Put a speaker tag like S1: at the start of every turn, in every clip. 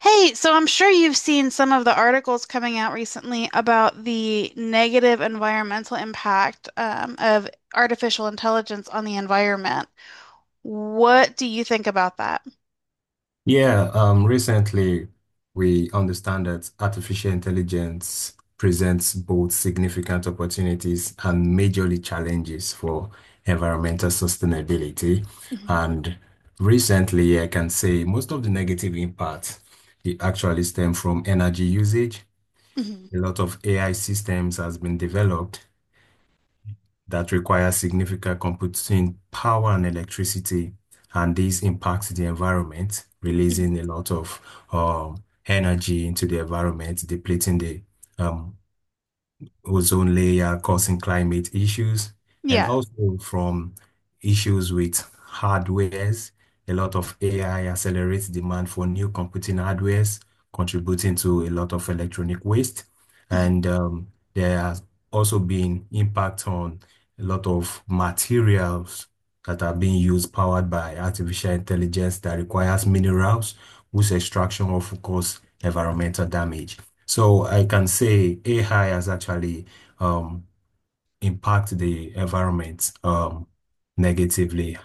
S1: Hey, so I'm sure you've seen some of the articles coming out recently about the negative environmental impact of artificial intelligence on the environment. What do you think about that?
S2: Yeah, recently we understand that artificial intelligence presents both significant opportunities and majorly challenges for environmental sustainability.
S1: Mhm,
S2: And recently, I can say most of the negative impact it actually stem from energy usage.
S1: mhm,
S2: A lot of AI systems has been developed that require significant computing power and electricity, and this impacts the environment,
S1: mhm.
S2: releasing a lot of um, energy into the environment, depleting the um, ozone layer causing climate issues, and
S1: Yeah.
S2: also from issues with hardwares. A lot of AI accelerates demand for new computing hardwares, contributing to a lot of electronic waste.
S1: Mm-hmm.
S2: And there has also been impact on a lot of materials that are being used powered by artificial intelligence that requires minerals, whose extraction will cause environmental damage. So I can say AI has actually um, impacted the environment negatively.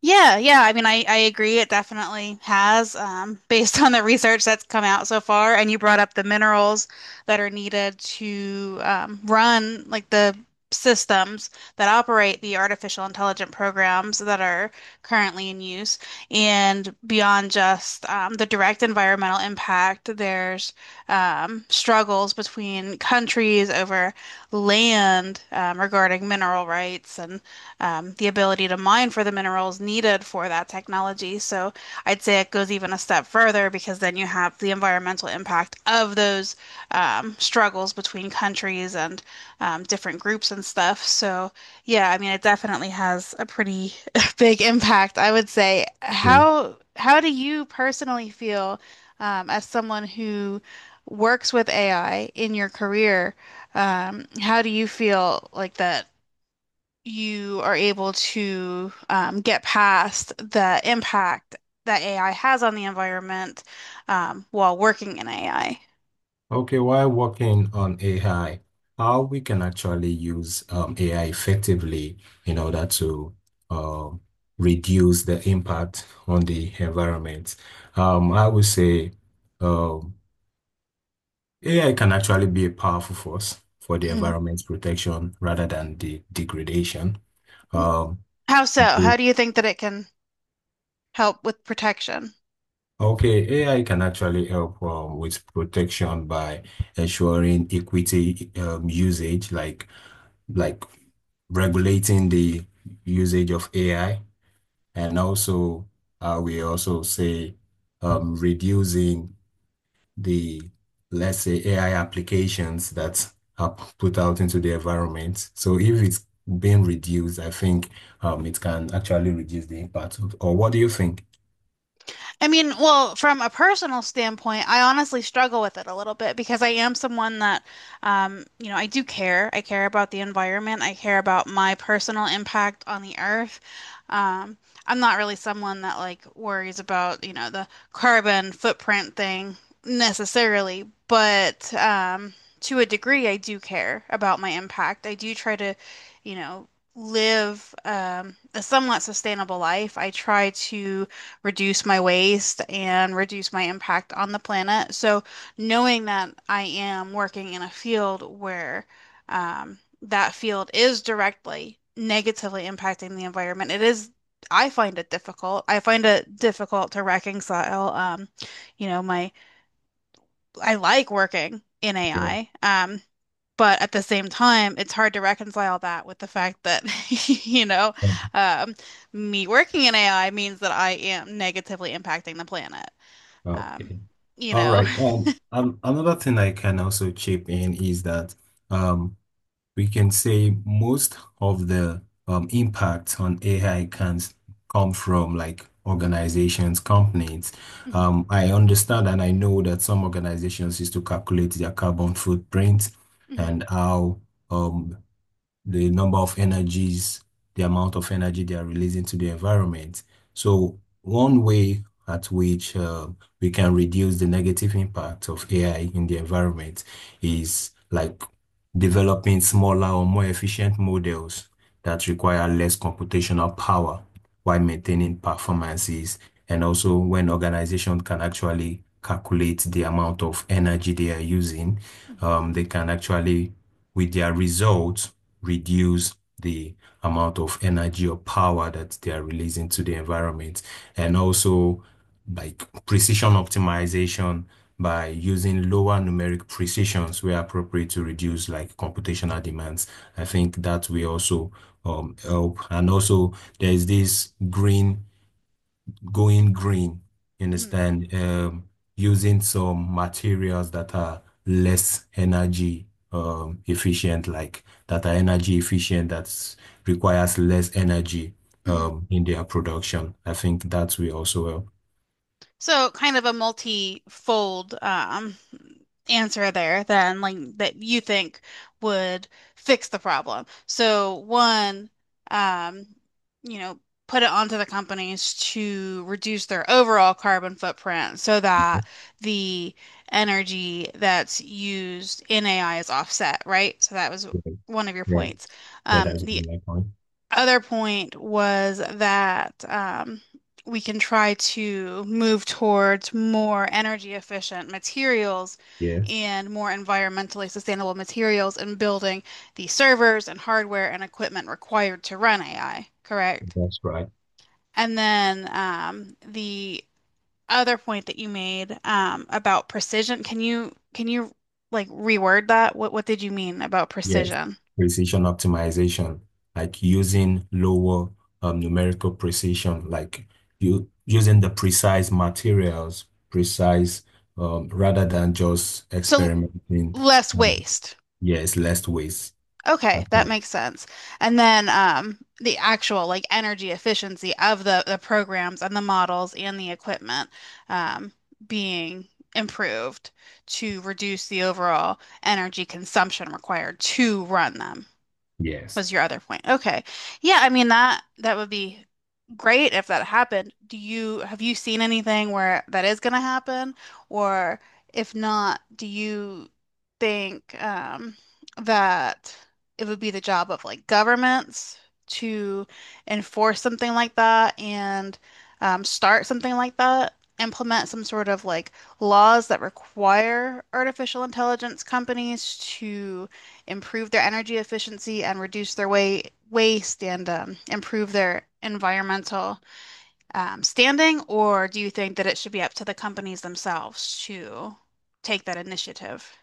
S1: Yeah, yeah. I mean, I agree. It definitely has, based on the research that's come out so far. And you brought up the minerals that are needed to run like the systems that operate the artificial intelligent programs that are currently in use. And beyond just the direct environmental impact, there's struggles between countries over land regarding mineral rights and the ability to mine for the minerals needed for that technology. So I'd say it goes even a step further because then you have the environmental impact of those struggles between countries and different groups and stuff. So yeah, I mean, it definitely has a pretty big impact, I would say.
S2: Yeah.
S1: How do you personally feel as someone who works with AI in your career? How do you feel like that you are able to get past the impact that AI has on the environment while working in AI.
S2: Okay, while working on AI, how we can actually use AI effectively in order to um, reduce the impact on the environment. I would say um, AI can actually be a powerful force for the
S1: Mhm.
S2: environment's protection rather than the degradation. Um,
S1: How so? How do you think that it can help with protection?
S2: Okay, AI can actually help with protection by ensuring equity usage, like regulating the usage of AI, and also we also say reducing the let's say AI applications that are put out into the environment. So if it's being reduced, I think it can actually reduce the impact of, or what do you think?
S1: I mean, well, from a personal standpoint, I honestly struggle with it a little bit because I am someone that, I do care. I care about the environment. I care about my personal impact on the earth. Um, I'm not really someone that like worries about, the carbon footprint thing necessarily, but to a degree, I do care about my impact. I do try to, you know, live a somewhat sustainable life. I try to reduce my waste and reduce my impact on the planet. So knowing that I am working in a field where that field is directly negatively impacting the environment, I find it difficult. I find it difficult to reconcile, you know, my, I like working in
S2: Yeah.
S1: AI. But at the same time, it's hard to reconcile that with the fact that, you know, um, me working in AI means that I am negatively impacting the planet. Um,
S2: Okay.
S1: you
S2: All
S1: know.
S2: right. Another thing I can also chip in is that um, we can say most of the impact on AI can come from like organizations, companies. I understand and I know that some organizations used to calculate their carbon footprint and
S1: Mhm,
S2: how um, the number of energies, the amount of energy they are releasing to the environment. So one way at which we can reduce the negative impact of AI in the environment is like developing smaller or more efficient models that require less computational power while maintaining performances. And also when organizations can actually calculate the amount of energy they are using,
S1: mhm,
S2: they can actually with their results reduce the amount of energy or power that they are releasing to the environment. And also, like precision optimization by using lower numeric precisions where appropriate to reduce like computational demands. I think that will also help. And also, there is this green going green, you
S1: mhm,
S2: understand, using some materials that are less energy efficient, like that are energy efficient, that requires less energy
S1: mhm, mhm.
S2: in their production. I think that we also help.
S1: So kind of a multi-fold answer there then, like that you think would fix the problem. So one, um, you know, put it onto the companies to reduce their overall carbon footprint so
S2: Yeah,
S1: that the energy that's used in AI is offset, right? So that was one of your
S2: yeah,
S1: points.
S2: yeah,
S1: Um,
S2: that's
S1: the
S2: my point.
S1: other point was that we can try to move towards more energy efficient materials
S2: Yes,
S1: and more environmentally sustainable materials in building the servers and hardware and equipment required to run AI, correct?
S2: that's right.
S1: And then the other point that you made about precision, can you like reword that? What did you mean about
S2: Yes,
S1: precision?
S2: precision optimization, like using lower numerical precision, like you using the precise materials, precise rather than just
S1: So
S2: experimenting.
S1: less
S2: Um,
S1: waste.
S2: yes, less waste.
S1: Okay,
S2: That's
S1: that
S2: right.
S1: makes sense. And then the actual like energy efficiency of the programs and the models and the equipment um, being improved to reduce the overall energy consumption required to run them
S2: Yes.
S1: was your other point. Okay. Yeah, I mean that would be great if that happened. Do you have you seen anything where that is going to happen? Or if not, do you think that it would be the job of like governments to enforce something like that and start something like that? Implement some sort of like laws that require artificial intelligence companies to improve their energy efficiency and reduce their waste and improve their environmental standing, or do you think that it should be up to the companies themselves to take that initiative?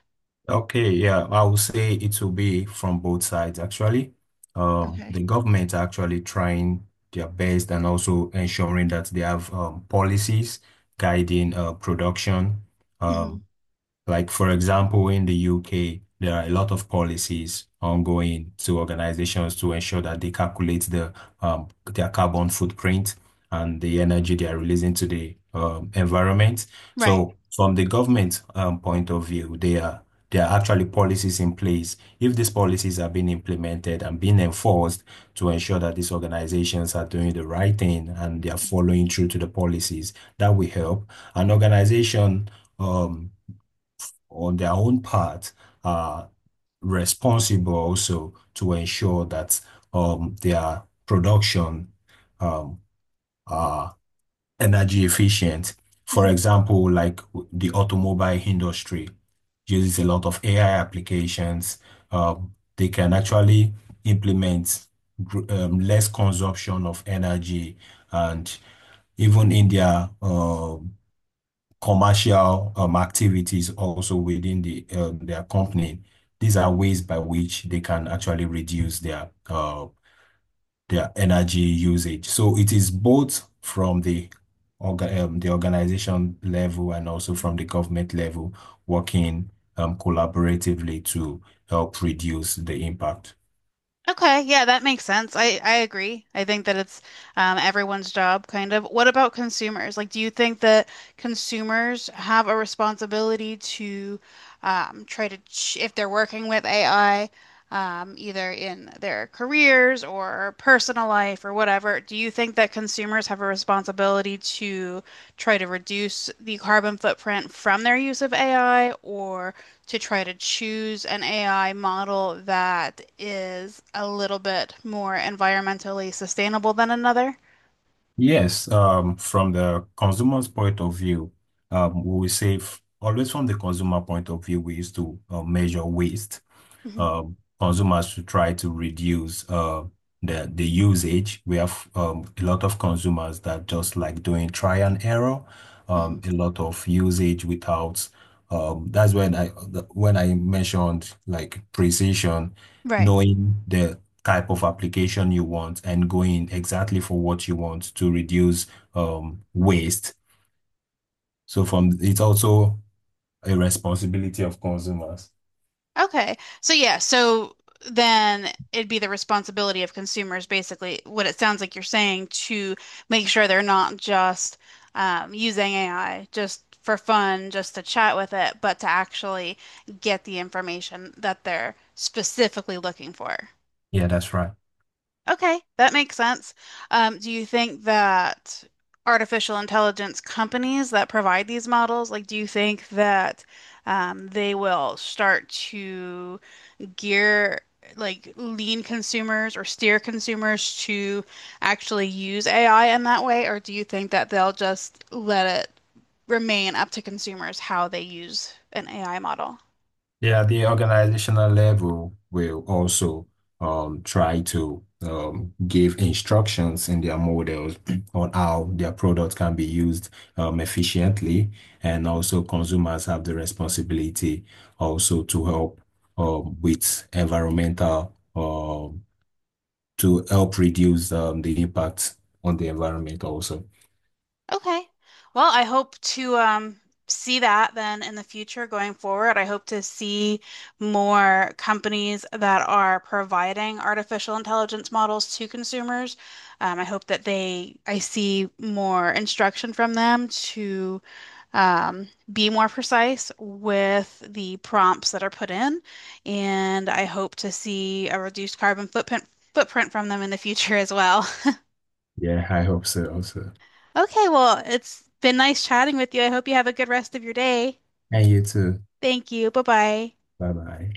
S2: Okay. Yeah, I would say it will be from both sides actually.
S1: Okay.
S2: The government are actually trying their best and also ensuring that they have policies guiding production.
S1: Mhm.
S2: Um, Like, for example, in the UK, there are a lot of policies ongoing to organizations to ensure that they calculate the their carbon footprint and the energy they are releasing to the environment.
S1: Right.
S2: So, from the government point of view, they are there are actually policies in place. If these policies are being implemented and being enforced to ensure that these organizations are doing the right thing and they are
S1: Mhm.
S2: following through to the policies, that will help. An organization. Um, on their own part are responsible also to ensure that their production um, are energy efficient. For
S1: Mhm.
S2: example, like the automobile industry uses a lot of AI applications. They can actually implement less consumption of energy and even in their commercial activities also within the their company. These are ways by which they can actually reduce their energy usage. So it is both from the orga the organization level and also from the government level working collaboratively to help reduce the impact.
S1: Okay, yeah, that makes sense. I agree. I think that it's everyone's job, kind of. What about consumers? Like, do you think that consumers have a responsibility to try to, ch if they're working with AI, either in their careers or personal life or whatever, do you think that consumers have a responsibility to try to reduce the carbon footprint from their use of AI, or to try to choose an AI model that is a little bit more environmentally sustainable than another.
S2: Yes, from the consumer's point of view, we will say always from the consumer point of view, we used to measure waste
S1: Hmm.
S2: uh, consumers to try to reduce the usage. We have a lot of consumers that just like doing try and error,
S1: Hmm.
S2: a lot of usage without. That's when I mentioned like precision,
S1: Right.
S2: knowing the type of application you want and going exactly for what you want to reduce waste. So from it's also a responsibility of consumers.
S1: Okay. So yeah, so then it'd be the responsibility of consumers, basically, what it sounds like you're saying, to make sure they're not just using AI just for fun, just to chat with it, but to actually get the information that they're specifically looking for.
S2: Yeah, that's right.
S1: Okay, that makes sense. Do you think that artificial intelligence companies that provide these models, like, do you think that they will start to gear, like, lean consumers or steer consumers to actually use AI in that way? Or do you think that they'll just let it remain up to consumers how they use an AI model?
S2: Yeah, the organizational level will also try to give instructions in their models on how their product can be used efficiently, and also consumers have the responsibility also to help with environmental to help reduce the impact on the environment also.
S1: Okay. Well, I hope to see that then in the future going forward. I hope to see more companies that are providing artificial intelligence models to consumers. I hope that they, I see more instruction from them to um, be more precise with the prompts that are put in. And I hope to see a reduced carbon footprint from them in the future as well.
S2: Yeah, I hope so also.
S1: Okay, well, it's been nice chatting with you. I hope you have a good rest of your day.
S2: And you too.
S1: Thank you. Bye-bye.
S2: Bye bye.